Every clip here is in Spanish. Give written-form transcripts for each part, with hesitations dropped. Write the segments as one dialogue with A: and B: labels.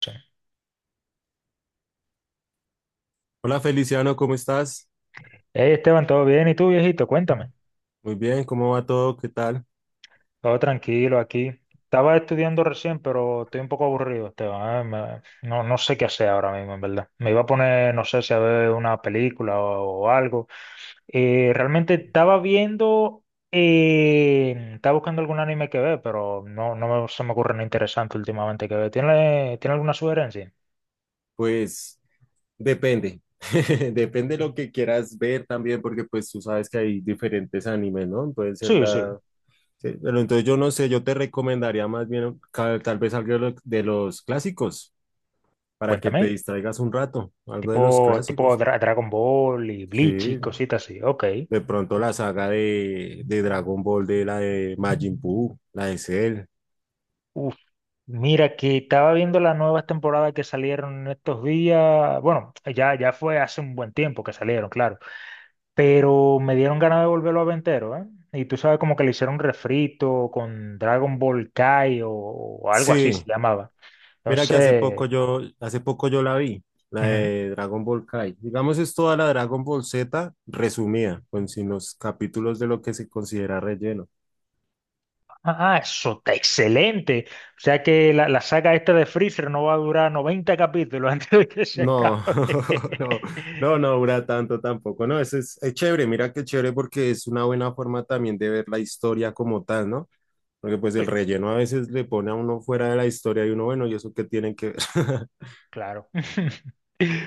A: Sí.
B: Hola Feliciano, ¿cómo estás?
A: Hey Esteban, ¿todo bien? ¿Y tú, viejito? Cuéntame.
B: Muy bien, ¿cómo va todo? ¿Qué tal?
A: Todo tranquilo aquí. Estaba estudiando recién, pero estoy un poco aburrido, Esteban. No, no sé qué hacer ahora mismo, en verdad. Me iba a poner, no sé si a ver una película o algo. Realmente estaba viendo, estaba buscando algún anime que ver, pero no se me ocurre nada interesante últimamente que ver. ¿Tiene alguna sugerencia?
B: Pues depende, depende lo que quieras ver también, porque pues tú sabes que hay diferentes animes, ¿no? Pueden ser
A: Sí, sí.
B: Sí, pero entonces yo no sé, yo te recomendaría más bien tal vez algo de de los clásicos, para que te
A: Cuéntame.
B: distraigas un rato, algo de
A: Tipo,
B: los
A: tipo
B: clásicos.
A: Dra- Dragon Ball y Bleach y
B: Sí,
A: cositas así. Ok.
B: de pronto la saga de Dragon Ball, de la de Majin Buu, la de Cell.
A: Mira, que estaba viendo las nuevas temporadas que salieron en estos días. Bueno, ya fue hace un buen tiempo que salieron, claro. Pero me dieron ganas de volverlo a ver entero, ¿eh? Y tú sabes como que le hicieron un refrito con Dragon Ball Kai o algo así se
B: Sí,
A: llamaba.
B: mira que hace poco
A: Entonces,
B: yo, hace poco yo la vi, la
A: ujú.
B: de Dragon Ball Kai. Digamos, es toda la Dragon Ball Z resumida, con sin los capítulos de lo que se considera relleno.
A: Ah, eso está excelente. O sea que la saga esta de Freezer no va a durar 90 capítulos antes de que se
B: No,
A: acabe.
B: no, no, no dura tanto tampoco. No, eso es chévere, mira que chévere porque es una buena forma también de ver la historia como tal, ¿no? Porque pues
A: Sí,
B: el relleno a veces le pone a uno fuera de la historia y uno, bueno, ¿y eso qué tienen que ver?
A: claro.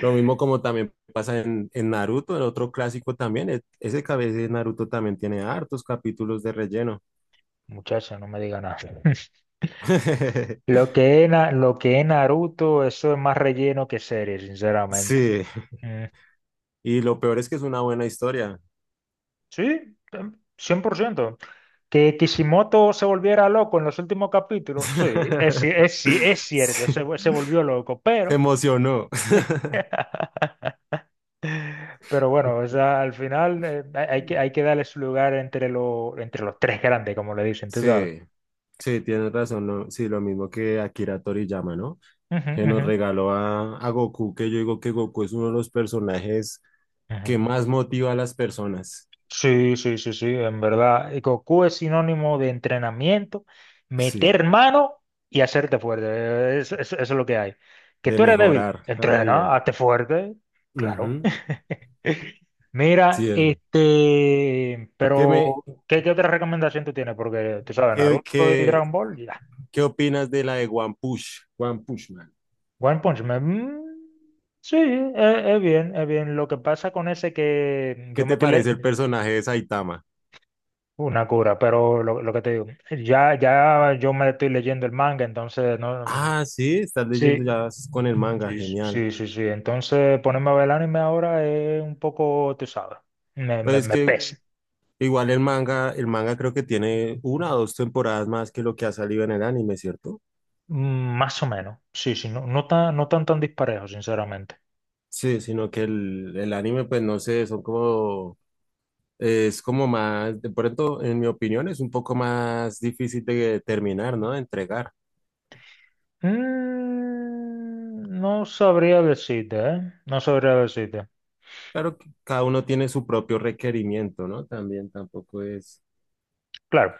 B: Lo mismo como también pasa en Naruto, el otro clásico también. Ese cabeza de Naruto también tiene hartos capítulos de relleno.
A: Muchacha, no me diga nada. Lo que es Naruto, eso es más relleno que serie, sinceramente.
B: Sí,
A: Mm,
B: y lo peor es que es una buena historia.
A: sí, 100%. Que Kishimoto se volviera loco en los últimos capítulos, sí, es cierto,
B: Sí,
A: se volvió loco,
B: se
A: pero...
B: emocionó.
A: Pero bueno, o sea, al final hay que darle su lugar entre, lo, entre los tres grandes, como le dicen, tú sabes.
B: Sí, sí, tienes razón, ¿no? Sí, lo mismo que Akira Toriyama, ¿no?
A: Ujú,
B: Que nos
A: ujú,
B: regaló a Goku, que yo digo que Goku es uno de los personajes que
A: ujú.
B: más motiva a las personas,
A: Sí, sí, sí, sí, en verdad. Y Goku es sinónimo de entrenamiento,
B: sí,
A: meter mano y hacerte fuerte. Eso, es lo que hay. Que
B: de
A: tú eres débil,
B: mejorar cada
A: entrena,
B: día.
A: hazte fuerte. Claro.
B: Ujú. Sí,
A: Mira,
B: eh.
A: este,
B: ¿qué me,
A: pero, ¿qué otra recomendación tú tienes? Porque tú sabes,
B: qué,
A: Naruto y
B: qué,
A: Dragon Ball, ya.
B: qué opinas de la de One Push Man?
A: One Punch Man. Mm, sí, es bien, es bien. Lo que pasa con ese que
B: ¿Qué
A: yo me
B: te
A: estoy, le-
B: parece el personaje de Saitama?
A: Una cura, pero lo que te digo, ya yo me estoy leyendo el manga, entonces no,
B: Ah, sí, estás leyendo
A: sí,
B: ya con el manga,
A: sí,
B: genial.
A: sí, sí, sí. Entonces ponerme a ver el anime ahora es un poco, tú sabes, me,
B: Pues
A: me,
B: es
A: me
B: que
A: pesa.
B: igual el manga creo que tiene una o dos temporadas más que lo que ha salido en el anime, ¿cierto?
A: Mm, más o menos. Sí, sí, no tan, tan disparejo, sinceramente.
B: Sí, sino que el anime, pues no sé, son como. Es como más, de pronto, en mi opinión, es un poco más difícil de terminar, ¿no? De entregar.
A: Mm, no sabría decirte, ¿eh? No sabría decirte.
B: Claro que cada uno tiene su propio requerimiento, ¿no? También tampoco es.
A: Claro.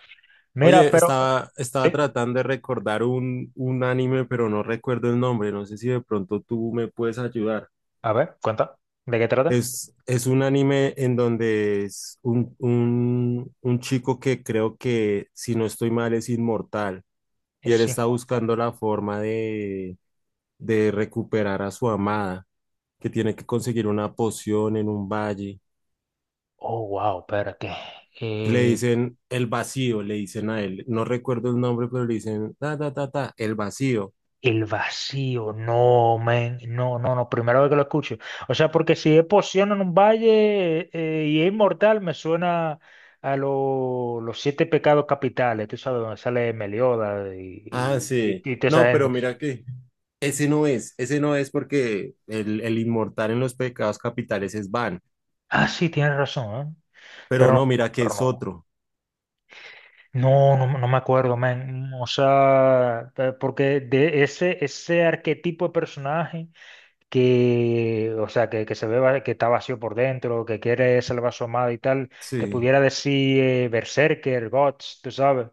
A: Mira,
B: Oye,
A: pero.
B: estaba,
A: Sí,
B: estaba tratando de recordar un anime, pero no recuerdo el nombre. No sé si de pronto tú me puedes ayudar.
A: a ver, cuenta. ¿De qué trata?
B: Es un anime en donde es un chico que creo que, si no estoy mal, es inmortal. Y él
A: Es
B: está
A: inmortal.
B: buscando la forma de recuperar a su amada, que tiene que conseguir una poción en un valle,
A: Oh, wow, espérate.
B: que le dicen el vacío, le dicen a él, no recuerdo el nombre, pero le dicen, ta, ta, ta, ta, el vacío.
A: El vacío, no, men, no, no, no, primera vez que lo escucho. O sea, porque si es poción en un valle y es inmortal, me suena a los siete pecados capitales, tú sabes, donde sale Meliodas
B: Ah, sí.
A: y toda esa
B: No, pero
A: gente.
B: mira que ese no es porque el inmortal en los pecados capitales es Van,
A: Ah, sí, tienes razón, ¿eh?
B: pero
A: Pero, no,
B: no, mira que
A: pero
B: es
A: no.
B: otro.
A: No, no, no me acuerdo, men. O sea, porque de ese, ese arquetipo de personaje. Que, o sea, que se que está vacío por dentro, que quiere ser vasomado y tal, te
B: Sí,
A: pudiera decir Berserker, Guts, tú sabes,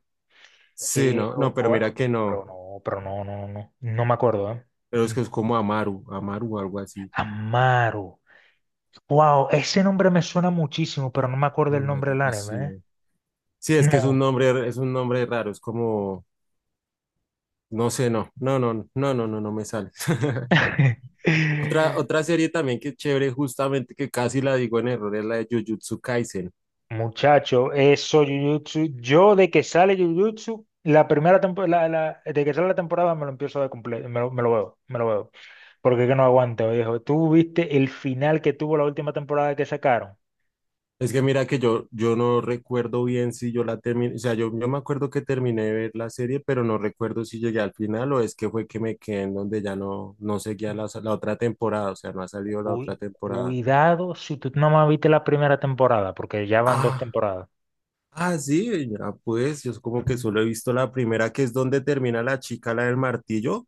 B: sí, no, no, pero mira que no,
A: pero no, no, no, no me acuerdo, ¿eh?
B: pero es
A: Mm.
B: que es como Amaru, Amaru, algo así.
A: Amaru. Wow, ese nombre me suena muchísimo, pero no me acuerdo el nombre
B: Amaru,
A: del anime,
B: vacío. Sí,
A: ¿eh?
B: es que es un
A: No.
B: nombre, es un nombre raro, es como, no sé, no, no, no, no, no, no, no me sale. Otra, otra serie también que es chévere, justamente que casi la digo en error, es la de Jujutsu Kaisen.
A: Muchacho, eso Jujutsu, yo de que sale Jujutsu, la primera temporada, de que sale la temporada me lo empiezo a ver completo, me lo veo, me lo veo. Porque es que no aguanto, viejo. ¿Tú viste el final que tuvo la última temporada que sacaron?
B: Es que mira que yo no recuerdo bien si yo la terminé, o sea, yo me acuerdo que terminé de ver la serie, pero no recuerdo si llegué al final o es que fue que me quedé en donde ya no seguía la otra temporada, o sea, no ha salido la otra
A: Uy,
B: temporada.
A: cuidado si tú no más viste la primera temporada, porque ya van dos
B: Ah,
A: temporadas.
B: ah, sí, ya, pues yo como que solo he visto la primera, que es donde termina la chica, la del martillo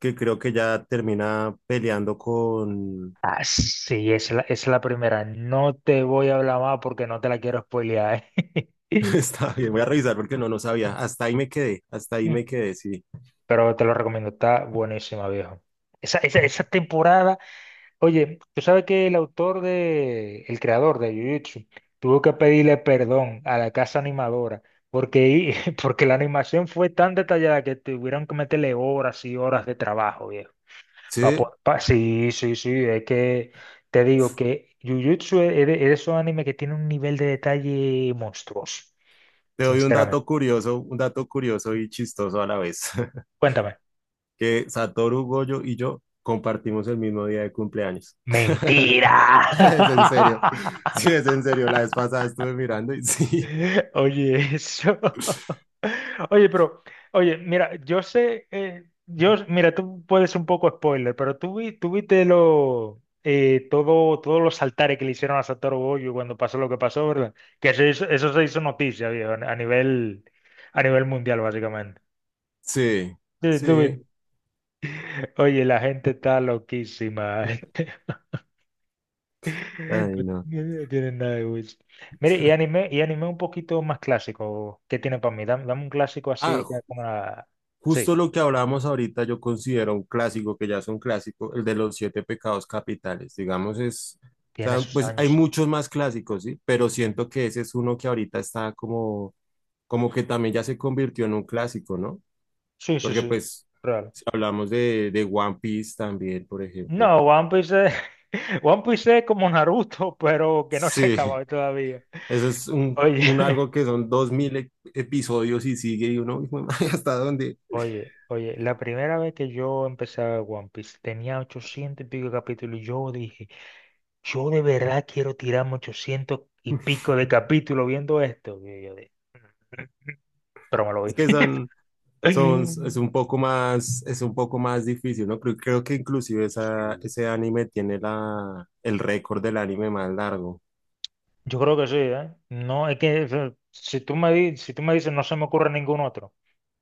B: que creo que ya termina peleando con...
A: Ah, sí, es la primera. No te voy a hablar más porque no te la quiero spoilear.
B: Está bien, voy a revisar porque no sabía. Hasta ahí me quedé, hasta ahí me quedé, sí.
A: Pero te lo recomiendo, está buenísima, viejo. Esa temporada. Oye, tú sabes que el autor de, el creador de Jujutsu tuvo que pedirle perdón a la casa animadora porque, porque la animación fue tan detallada que tuvieron que meterle horas y horas de trabajo, viejo.
B: Sí,
A: Sí, sí, sí, es que te digo que Jujutsu es de esos animes que tiene un nivel de detalle monstruoso,
B: te doy
A: sinceramente.
B: un dato curioso y chistoso a la vez,
A: Cuéntame.
B: que Satoru Gojo y yo compartimos el mismo día de cumpleaños.
A: Mentira.
B: Es en serio, sí, es en serio. La vez pasada estuve mirando y sí,
A: Oye, eso. Oye, pero, oye, mira, yo sé, mira, tú puedes un poco spoiler, pero tú, tú viste todo, todos los altares que le hicieron a Satoru Gojo cuando pasó lo que pasó, ¿verdad? Que eso, eso se hizo noticia, viejo, a nivel mundial, básicamente.
B: sí,
A: Sí, tú
B: sí.
A: viste. Oye, la gente está loquísima.
B: Ay, no.
A: No tienen nada de Wish. Mire, y anime un poquito más clásico. ¿Qué tiene para mí? Dame, dame un clásico
B: Ah,
A: así que como la... Sí,
B: justo lo que hablábamos ahorita, yo considero un clásico, que ya es un clásico, el de los siete pecados capitales. Digamos, es, o
A: tiene
B: sea,
A: sus
B: pues hay
A: años, sí.
B: muchos más clásicos, ¿sí? Pero
A: Ujú.
B: siento que ese es uno que ahorita está como que también ya se convirtió en un clásico, ¿no?
A: Sí, sí,
B: Porque
A: sí.
B: pues,
A: Real.
B: si hablamos de One Piece también, por ejemplo.
A: No, One Piece es... One Piece es como Naruto, pero que no se
B: Sí,
A: acaba todavía.
B: eso es un,
A: Oye,
B: un algo que son 2000 episodios y sigue y uno, hijo de madre, ¿hasta dónde?
A: la primera vez que yo empecé a ver One Piece tenía 800 y pico de capítulos y yo dije, yo de verdad quiero tirarme 800 y pico de capítulos viendo esto. Y yo dije, pero me lo vi.
B: Es que son... son, es un poco más difícil, ¿no? Creo que inclusive
A: Sí.
B: ese anime tiene el récord del anime más largo.
A: Yo creo que sí, ¿eh? No, es que si tú me dices no se me ocurre ningún otro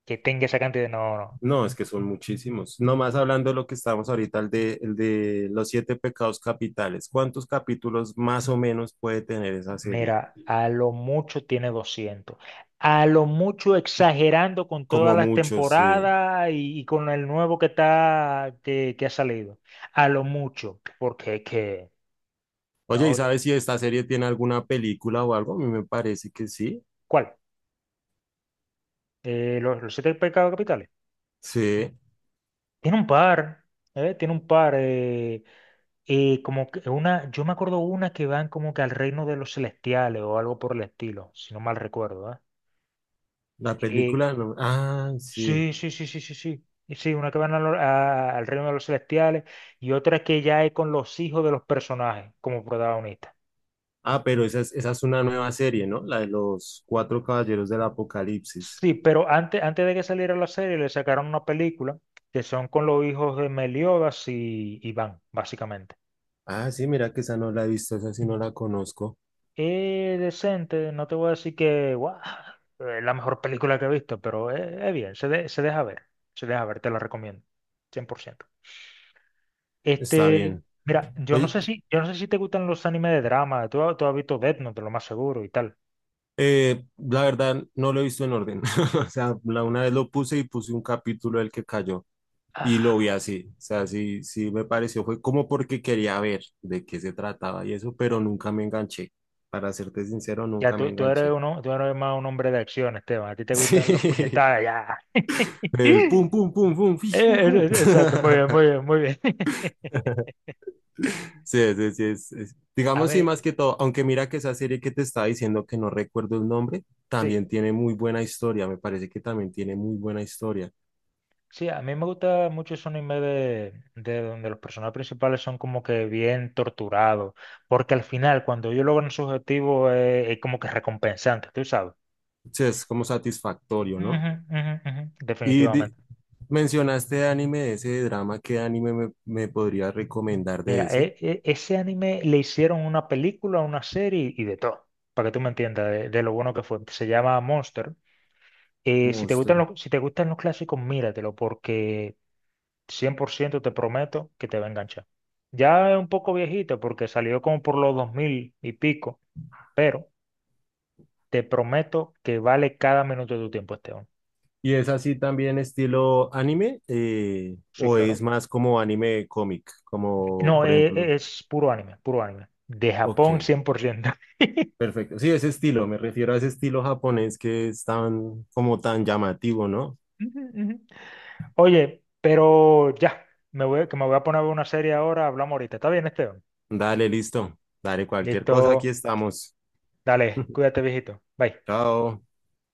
A: que tenga esa cantidad, no, no.
B: No, es que son muchísimos. Nomás hablando de lo que estábamos ahorita, el de los siete pecados capitales. ¿Cuántos capítulos más o menos puede tener esa serie?
A: Mira, a lo mucho tiene doscientos. A lo mucho exagerando con todas
B: Como
A: las
B: muchos, sí.
A: temporadas y con el nuevo que está que ha salido. A lo mucho, porque es que,
B: Oye, ¿y
A: no,
B: sabes si esta serie tiene alguna película o algo? A mí me parece que sí.
A: ¿cuál? Los siete pecados capitales.
B: Sí,
A: Tiene un par, ¿eh? Tiene un par. Como que una, yo me acuerdo una que van como que al reino de los celestiales o algo por el estilo, si no mal recuerdo, ¿eh?
B: la
A: Eh,
B: película, no. Ah, sí.
A: sí, sí, sí, sí, sí, sí. Y sí, una que van a al reino de los celestiales y otra que ya es con los hijos de los personajes como protagonistas.
B: Ah, pero esa es una nueva serie, ¿no? La de los Cuatro Caballeros del Apocalipsis.
A: Sí, pero antes de que saliera la serie le sacaron una película que son con los hijos de Meliodas y Iván, básicamente.
B: Ah, sí, mira que esa no la he visto, esa sí no la conozco.
A: Es decente, no te voy a decir que guau, es la mejor película que he visto, pero es bien, se deja ver, te la recomiendo, cien por ciento.
B: Está
A: Este,
B: bien.
A: mira,
B: Oye,
A: yo no sé si te gustan los animes de drama, tú, tú has visto Death Note, lo más seguro y tal.
B: la verdad no lo he visto en orden. O sea, la una vez lo puse y puse un capítulo del que cayó y
A: Ah,
B: lo vi así. O sea, sí, sí me pareció, fue como porque quería ver de qué se trataba y eso, pero nunca me enganché. Para serte sincero,
A: ya
B: nunca me
A: tú eres
B: enganché.
A: uno, tú eres más un hombre de acción, Esteban, a ti te gustan los puñetazos, ya.
B: Sí, el pum, pum, pum, pum, fish, pum,
A: Eh,
B: pum.
A: Exacto, muy bien, muy bien, muy bien.
B: Sí, sí, sí,
A: A
B: digamos sí,
A: ver,
B: más que todo, aunque mira que esa serie que te estaba diciendo que no recuerdo el nombre,
A: sí.
B: también tiene muy buena historia, me parece que también tiene muy buena historia.
A: Sí, a mí me gusta mucho ese anime de donde los personajes principales son como que bien torturados, porque al final cuando ellos logran su objetivo es como que recompensante, tú sabes.
B: Sí, es como satisfactorio, ¿no?
A: Ujú, ujú, mm.
B: Y
A: Definitivamente.
B: di- Mencionaste anime de ese drama, ¿qué anime me podrías recomendar de
A: Mira,
B: ese?
A: ese anime le hicieron una película, una serie y de todo, para que tú me entiendas de lo bueno que fue. Se llama Monster.
B: Monster.
A: Si te gustan los clásicos, míratelo, porque 100% te prometo que te va a enganchar. Ya es un poco viejito porque salió como por los 2000 y pico, pero te prometo que vale cada minuto de tu tiempo, Esteban, hombre.
B: ¿Y es así también estilo anime? eh,
A: Sí,
B: ¿o es
A: claro.
B: más como anime cómic? Como,
A: No,
B: por ejemplo,
A: es puro anime, puro anime. De
B: ok.
A: Japón 100%.
B: Perfecto. Sí, ese estilo, me refiero a ese estilo japonés que es tan, como tan llamativo, ¿no?
A: Ujú, ujú. Oye, pero ya, me voy, que me voy a poner a ver una serie ahora, hablamos ahorita. ¿Está bien, Esteban?
B: Dale, listo. Dale, cualquier cosa, aquí
A: Listo.
B: estamos.
A: Dale, cuídate, viejito. Bye.
B: Chao.